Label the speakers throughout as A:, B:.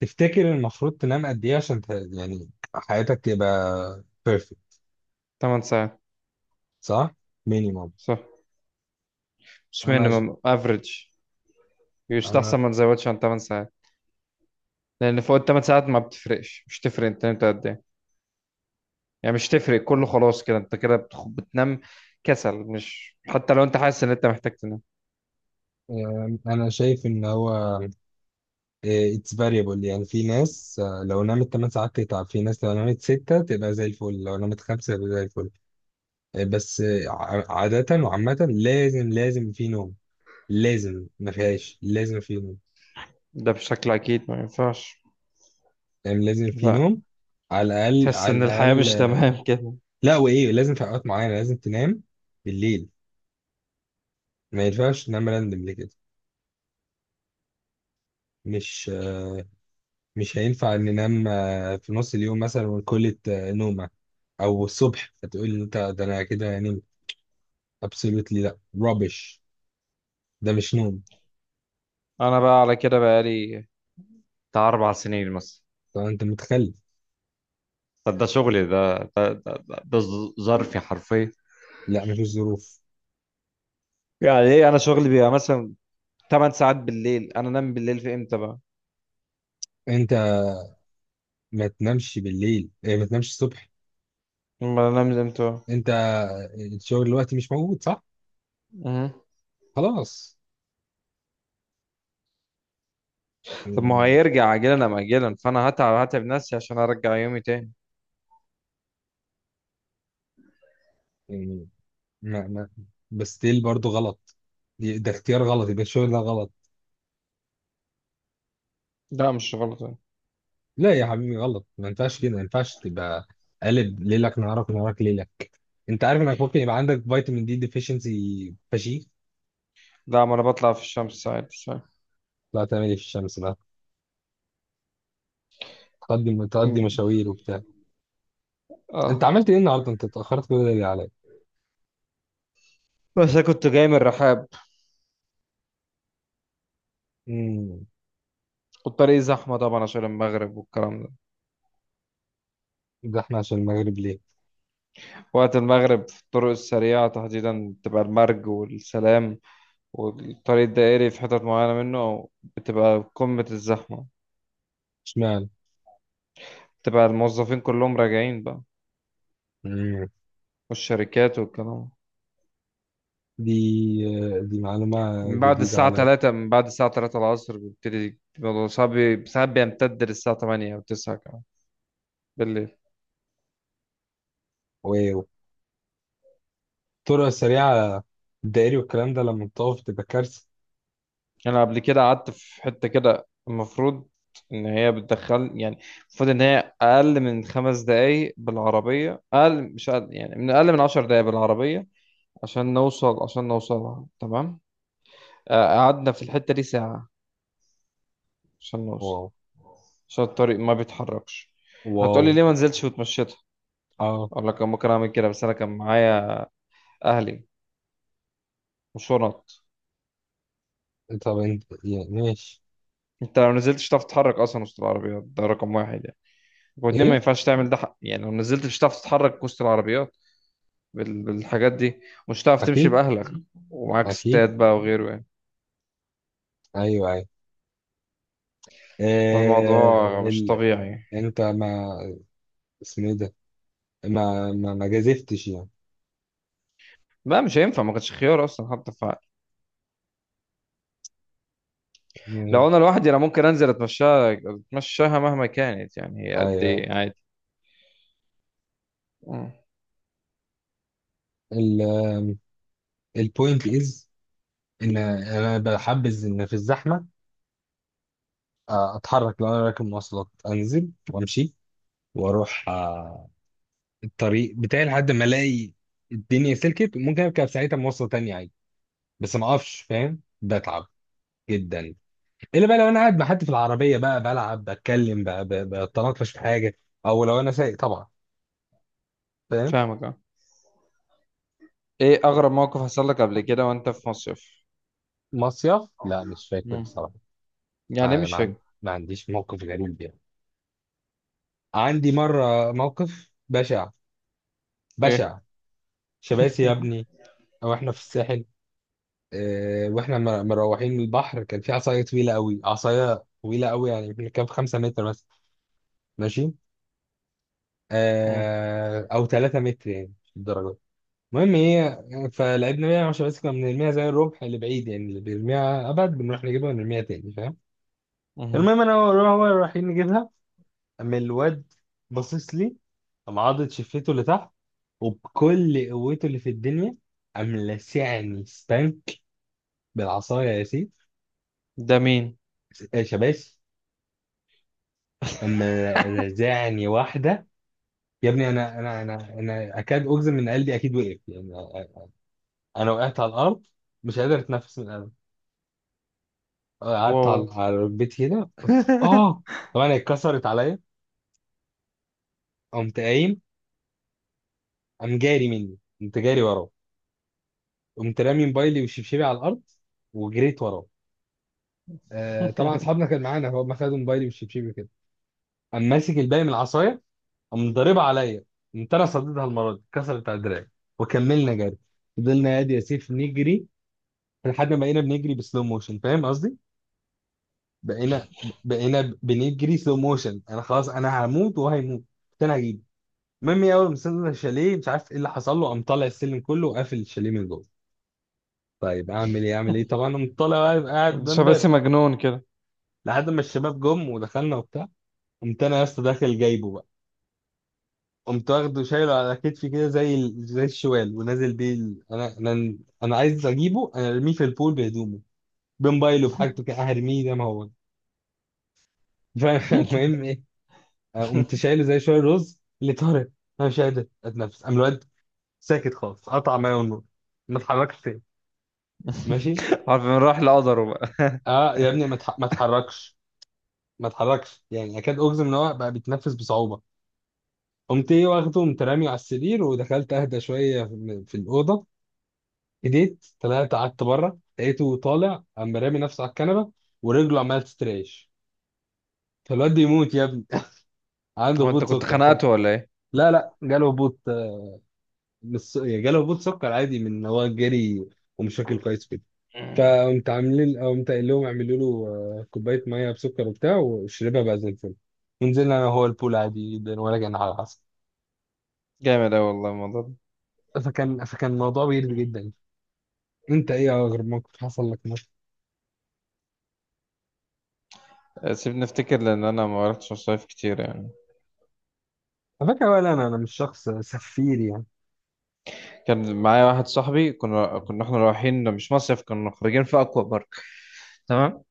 A: تفتكر المفروض تنام قد ايه عشان يعني حياتك تبقى بيرفكت؟
B: 8 ساعات.
A: صح. مينيمم.
B: صح. مش
A: انا ش...
B: مينيمم افريج.
A: انا
B: يستحسن ما تزودش عن 8 ساعات، لان فوق ال 8 ساعات ما بتفرقش. مش تفرق انت نمت قد ايه. يعني مش تفرق، كله خلاص كده انت كده بتنام. كسل. مش حتى لو انت حاسس ان انت محتاج تنام
A: انا شايف ان هو اتس فاريبل، يعني في ناس لو نامت 8 ساعات تتعب، في ناس لو نامت 6 تبقى زي الفل، لو نامت 5 تبقى زي الفل. عادة وعامة، لازم في نوم. لازم ما فيهاش، لازم في نوم.
B: ده بشكل اكيد ما ينفعش.
A: يعني لازم في
B: لا.
A: نوم. على الاقل
B: تحس
A: على
B: ان الحياة
A: الاقل،
B: مش تمام كده.
A: لا وايه، لازم في اوقات معينة لازم تنام بالليل. ما ينفعش ننام راندم ليه كده. مش آه، مش هينفع ننام في نص اليوم مثلا ونكلة نومة، او الصبح هتقول لي انت ده انا كده هنمت. absolutely لا rubbish. ده مش نوم.
B: انا بقى على كده بقالي بتاع 4 سنين مثلا.
A: طب انت متخلف.
B: طب ده شغلي، ده ظرفي حرفيا.
A: لا مفيش ظروف.
B: يعني ايه، انا شغلي بيبقى مثلا 8 ساعات بالليل. انا انام بالليل في امتى بقى؟
A: انت ما تنامش بالليل، ما تنامش الصبح.
B: ما انا لازم امتى؟
A: انت الشغل دلوقتي مش موجود، صح.
B: مهم.
A: خلاص.
B: طب ما هو
A: يعني
B: هيرجع اجلا ام اجلا، فانا هتعب نفسي عشان ارجع يومي تاني.
A: يعني ما ما بس still برضه غلط. ده اختيار غلط، يبقى الشغل ده غلط.
B: لا مش غلط يعني.
A: لا يا حبيبي، غلط. ما ينفعش كده، ما ينفعش تبقى قالب ليلك نهارك، نهارك ليلك. انت عارف انك ممكن يبقى عندك فيتامين دي ديفيشنسي فشيخ.
B: لا ما انا بطلع في الشمس عادي. صح.
A: لا تعمل ايه في الشمس بقى، تقضي
B: مم.
A: مشاوير وبتاع. انت
B: اه.
A: عملت ايه النهارده؟ انت اتاخرت كل ده ليه عليا؟
B: بس انا كنت جاي من الرحاب،
A: امم.
B: والطريق زحمه طبعا عشان المغرب والكلام ده.
A: ده احنا عشان المغرب ليه؟
B: وقت المغرب في الطرق السريعه تحديدا بتبقى المرج والسلام، والطريق الدائري في حتت معينه منه بتبقى قمه الزحمه.
A: اشمعنى؟
B: بتبقى الموظفين كلهم راجعين بقى،
A: امم.
B: والشركات والكلام.
A: دي معلومه
B: من بعد
A: جديده
B: الساعة
A: عليا.
B: 3 من بعد الساعة 3 العصر بيبتدي الموضوع صعب، ساعات بيمتد للساعة 8 أو 9 كمان بالليل.
A: واو. الطرق السريعه، الدائري والكلام ده لما بتقف تبقى كارثه.
B: أنا قبل كده قعدت في حتة كده، المفروض إن هي بتدخل يعني، المفروض إن هي أقل من 5 دقايق بالعربية، أقل مش أقل يعني، من أقل من 10 دقايق بالعربية عشان نوصل، عشان نوصلها تمام. قعدنا في الحتة دي ساعة عشان نوصل،
A: واو.
B: عشان الطريق ما بيتحركش.
A: واو.
B: هتقولي ليه ما نزلتش وتمشيتها؟
A: اه.
B: أقول لك أنا ممكن أعمل كده، بس أنا كان معايا أهلي وشنط.
A: طب انت يعني ماشي.
B: انت لو نزلت مش هتعرف تتحرك اصلا وسط العربيات، ده رقم واحد يعني. واتنين، ما
A: ايه.
B: ينفعش تعمل ده حق. يعني لو نزلت مش هتعرف تتحرك وسط العربيات بالحاجات دي. مش هتعرف تمشي
A: اكيد.
B: باهلك ومعاك
A: اكيد.
B: ستات بقى وغيره يعني.
A: ايوه، ايوه. آه.
B: فالموضوع مش
A: ال...
B: طبيعي.
A: انت ما اسمه ايه ده؟ ما جازفتش يعني.
B: لا مش هينفع، ما كانش خيار اصلا حتى
A: مم.
B: لو انا لوحدي انا ممكن انزل اتمشاها مهما كانت يعني، هي قد
A: ايوه.
B: ايه عادي. مم.
A: ال... البوينت از ان انا بحبذ ان في الزحمه اتحرك، لو انا راكب مواصلات انزل وامشي واروح الطريق بتاعي لحد ما الاقي الدنيا سلكت، ممكن اركب ساعتها مواصله تانية عادي. بس ما اقفش، فاهم، بتعب جدا. الا بقى لو انا قاعد مع حد في العربيه بقى بلعب، بتكلم بقى بتناقش في حاجه، او لو انا سايق طبعا، فاهم.
B: فاهمك اه. ايه اغرب موقف حصل لك قبل كده وانت في مصيف؟
A: مصيف، لا مش فاكر
B: مم.
A: الصراحه.
B: يعني إيه
A: ما,
B: مش
A: ما, عن-
B: فاكر؟
A: ما عنديش موقف غريب يعني. عندي مره موقف بشع.
B: ايه؟
A: بشع. شباسي يا ابني. او احنا في الساحل. اه، واحنا مروحين من البحر، كان في عصايه طويله قوي، عصايه طويله قوي، يعني يمكن كان في 5 متر مثلا، ماشي،
B: مم.
A: اه او 3 متر يعني، مش الدرجه. المهم ايه، فلعبنا 110، بس كنا بنرميها زي الرمح، اللي بعيد يعني، اللي بيرميها ابعد بنروح نجيبها ونرميها تاني، فاهم.
B: مم.
A: المهم، انا هو رايحين نجيبها، اما الواد باصص لي. قام عاضد شفته لتحت، وبكل قوته اللي في الدنيا قام لسعني ستانك بالعصايه يا سيف.
B: ده مين؟
A: شباش قام رزعني واحده. يا ابني، انا اكاد اجزم ان قلبي اكيد وقف يعني. انا وقعت على الارض مش قادر اتنفس من الالم. قعدت
B: واو.
A: على البيت هنا. اه، طبعا اتكسرت عليا. قمت قايم، قام جاري مني، قمت جاري وراه. قمت رامي موبايلي وشبشبي على الارض وجريت وراه. آه طبعا اصحابنا كان معانا، هو ما خدوا موبايلي وشبشبي كده. قام ماسك الباقي من العصايه، قام ضاربها عليا، قمت انا صديتها المره دي اتكسرت على دراعي، وكملنا جري. فضلنا يا سيف نجري لحد ما بقينا بنجري بسلو موشن، فاهم قصدي؟ بقينا بقينا بنجري سلو موشن، انا خلاص انا هموت وهيموت. قلت انا هجيبه. المهم اول ما وصلنا الشاليه، مش عارف ايه اللي حصل له، قام طالع السلم كله وقافل الشاليه من جوه. طيب اعمل ايه اعمل ايه، طبعا قمت طالع بقى، يبقى قاعد قدام
B: شباسي
A: باب
B: مجنون كده.
A: لحد ما الشباب جم ودخلنا وبتاع. قمت انا يا اسطى داخل جايبه بقى. قمت واخده شايله على كتفي كده زي زي الشوال، ونازل بيه انا عايز اجيبه، انا ارميه في البول بهدومه، بموبايله بحاجته كده، هرميه زي ما هو. فالمهم ايه، قمت شايله زي شويه رز اللي طارق. انا مش قادر اتنفس. قام الواد ساكت خالص، قطع ميه والنور، ما اتحركش تاني. ماشي.
B: عارف من راح لقدره بقى.
A: اه يا ابني، ما اتحركش. ما اتحركش يعني، اكاد اجزم ان هو بقى بيتنفس بصعوبه. قمت ايه واخده، قمت راميه على السرير، ودخلت اهدى شويه في الاوضه. هديت، طلعت قعدت بره، لقيته طالع، قام رامي نفسه على الكنبه، ورجله عماله تستريش. فالواد ده يموت يا ابني. عنده
B: هو انت
A: هبوط
B: كنت
A: سكر
B: خنقته ولا ايه؟
A: لا لا، جاله هبوط، آه، مش س- يعني جاله هبوط سكر عادي من إن هو جري ومش واكل كويس. فقمت عاملين، قمت قايل لهم اعملوا له كوبايه ميه بسكر وبتاع، وشربها بقى زي الفل. ونزلنا انا وهو البول عادي جدا، ولا كان حاجه حصل.
B: جامد اوي والله الموضوع ده.
A: فكان الموضوع ويرد جدا. انت ايه اغرب موقف حصل لك مثلا؟
B: سيبني افتكر، لان انا ما رحتش مصايف كتير يعني.
A: على فكره، ولا انا انا مش شخص سفير يعني.
B: كان معايا واحد صاحبي، كنا احنا رايحين مش مصيف، كنا خارجين في اكوا بارك. تمام.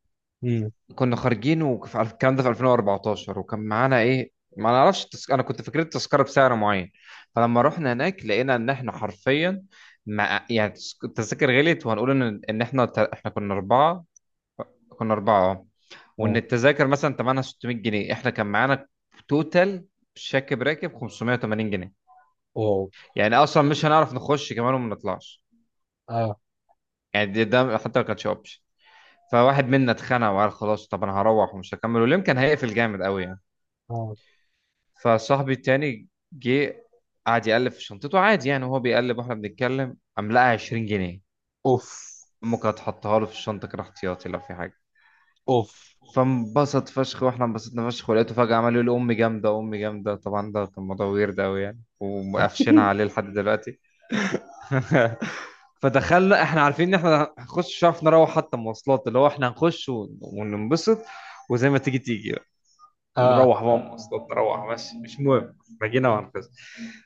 A: امم.
B: كنا خارجين على الكلام ده في 2014، وكان معانا ايه ما نعرفش انا كنت فاكر التذكره بسعر معين. فلما رحنا هناك لقينا ان احنا حرفيا مع... يعني التذاكر غليت، وهنقول ان احنا احنا كنا اربعه. اه. وان
A: اه.
B: التذاكر مثلا ثمنها 600 جنيه، احنا كان معانا توتال شاكب راكب 580 جنيه.
A: واو.
B: يعني اصلا مش هنعرف نخش كمان وما نطلعش.
A: اه.
B: يعني ده حتى ما كانش اوبشن. فواحد منا اتخانق وقال خلاص طب انا هروح ومش هكمل، واليوم كان هيقفل جامد قوي يعني.
A: اه.
B: فصاحبي التاني جه قعد يقلب في شنطته عادي يعني، وهو بيقلب واحنا بنتكلم قام لقى 20 جنيه
A: اوف.
B: ممكن هتحطها له في الشنطه كده احتياطي لو في حاجه.
A: اوف.
B: فانبسط فشخ، واحنا انبسطنا فشخ، ولقيته فجاه عمال يقول امي جامده امي جامده. طبعا ده كان موضوع ويرد قوي يعني، ومقفشينها عليه لحد دلوقتي. فدخلنا احنا عارفين ان احنا هنخش، مش عارف نروح حتى مواصلات، اللي هو احنا هنخش وننبسط وزي ما تيجي تيجي.
A: اه.
B: نروح بقى مواصلات نروح، بس مش مهم احنا جينا وهنخس.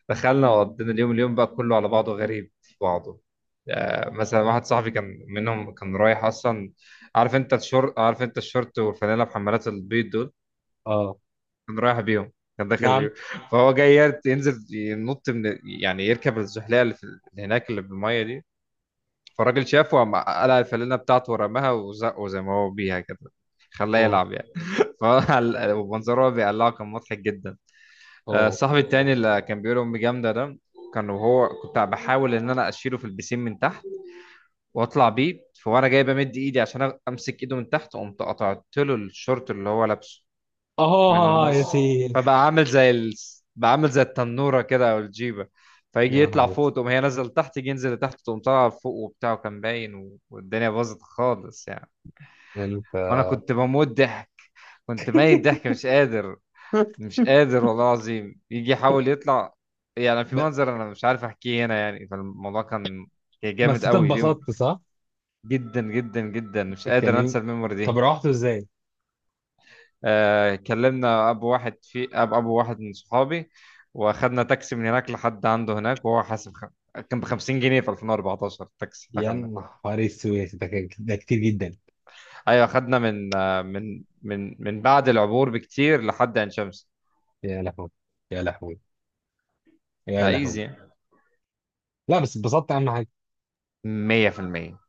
B: دخلنا وقضينا اليوم، اليوم بقى كله على بعضه غريب في بعضه. آه مثلا واحد صاحبي كان منهم كان رايح اصلا. عارف انت الشورت، عارف انت الشورت والفانيله بحمالات البيض دول؟
A: اه.
B: كان رايح بيهم، كان داخل
A: نعم.
B: بيهم. فهو جاي ينزل ينط من يعني يركب الزحليقه اللي هناك اللي بالميه دي. فالراجل شافه وقام قلع الفانيله بتاعته ورماها وزقه زي ما هو بيها كده، خلاه
A: واو.
B: يلعب يعني. فمنظره بيقلعه كان مضحك جدا.
A: واو.
B: صاحبي التاني اللي كان بيقول امي جامده ده، كان وهو كنت بحاول ان انا اشيله في البسين من تحت واطلع بيه، فوانا جاي بمد ايدي عشان امسك ايده من تحت قمت قطعت له الشورت اللي هو لابسه من
A: اه
B: النص.
A: يا سيدي.
B: فبقى عامل زي بقى عامل زي التنوره كده او الجيبه.
A: يا
B: فيجي يطلع
A: نهار أسود.
B: فوق تقوم هي نازله لتحت، يجي ينزل لتحت تقوم طالعه فوق وبتاع، وكان باين والدنيا باظت خالص يعني.
A: يعني انت.
B: وانا كنت بموت ضحك، كنت ميت ضحك مش قادر، مش قادر والله العظيم يجي يحاول يطلع. يعني في
A: ب-
B: منظر انا مش عارف احكيه هنا يعني. فالموضوع كان، كان جامد
A: بس انت
B: قوي اليوم.
A: اتبسطت صح؟
B: جدا جدا جدا مش
A: كان
B: قادر انسى
A: يوم.
B: الميموري دي.
A: طب روحته ازاي؟
B: آه كلمنا ابو واحد في اب ابو واحد من صحابي، واخدنا تاكسي من هناك لحد عنده هناك، وهو حاسب كان ب 50 جنيه في 2014 التاكسي اللي
A: يا
B: اخدنا.
A: نهار اسود، ده كتير جدا.
B: ايوه اخدنا من بعد العبور بكتير لحد عين شمس.
A: يا لهوي. يا لهوي. يا لهوي.
B: فايزي.
A: لا بس اتبسطت اهم حاجه.
B: 100%.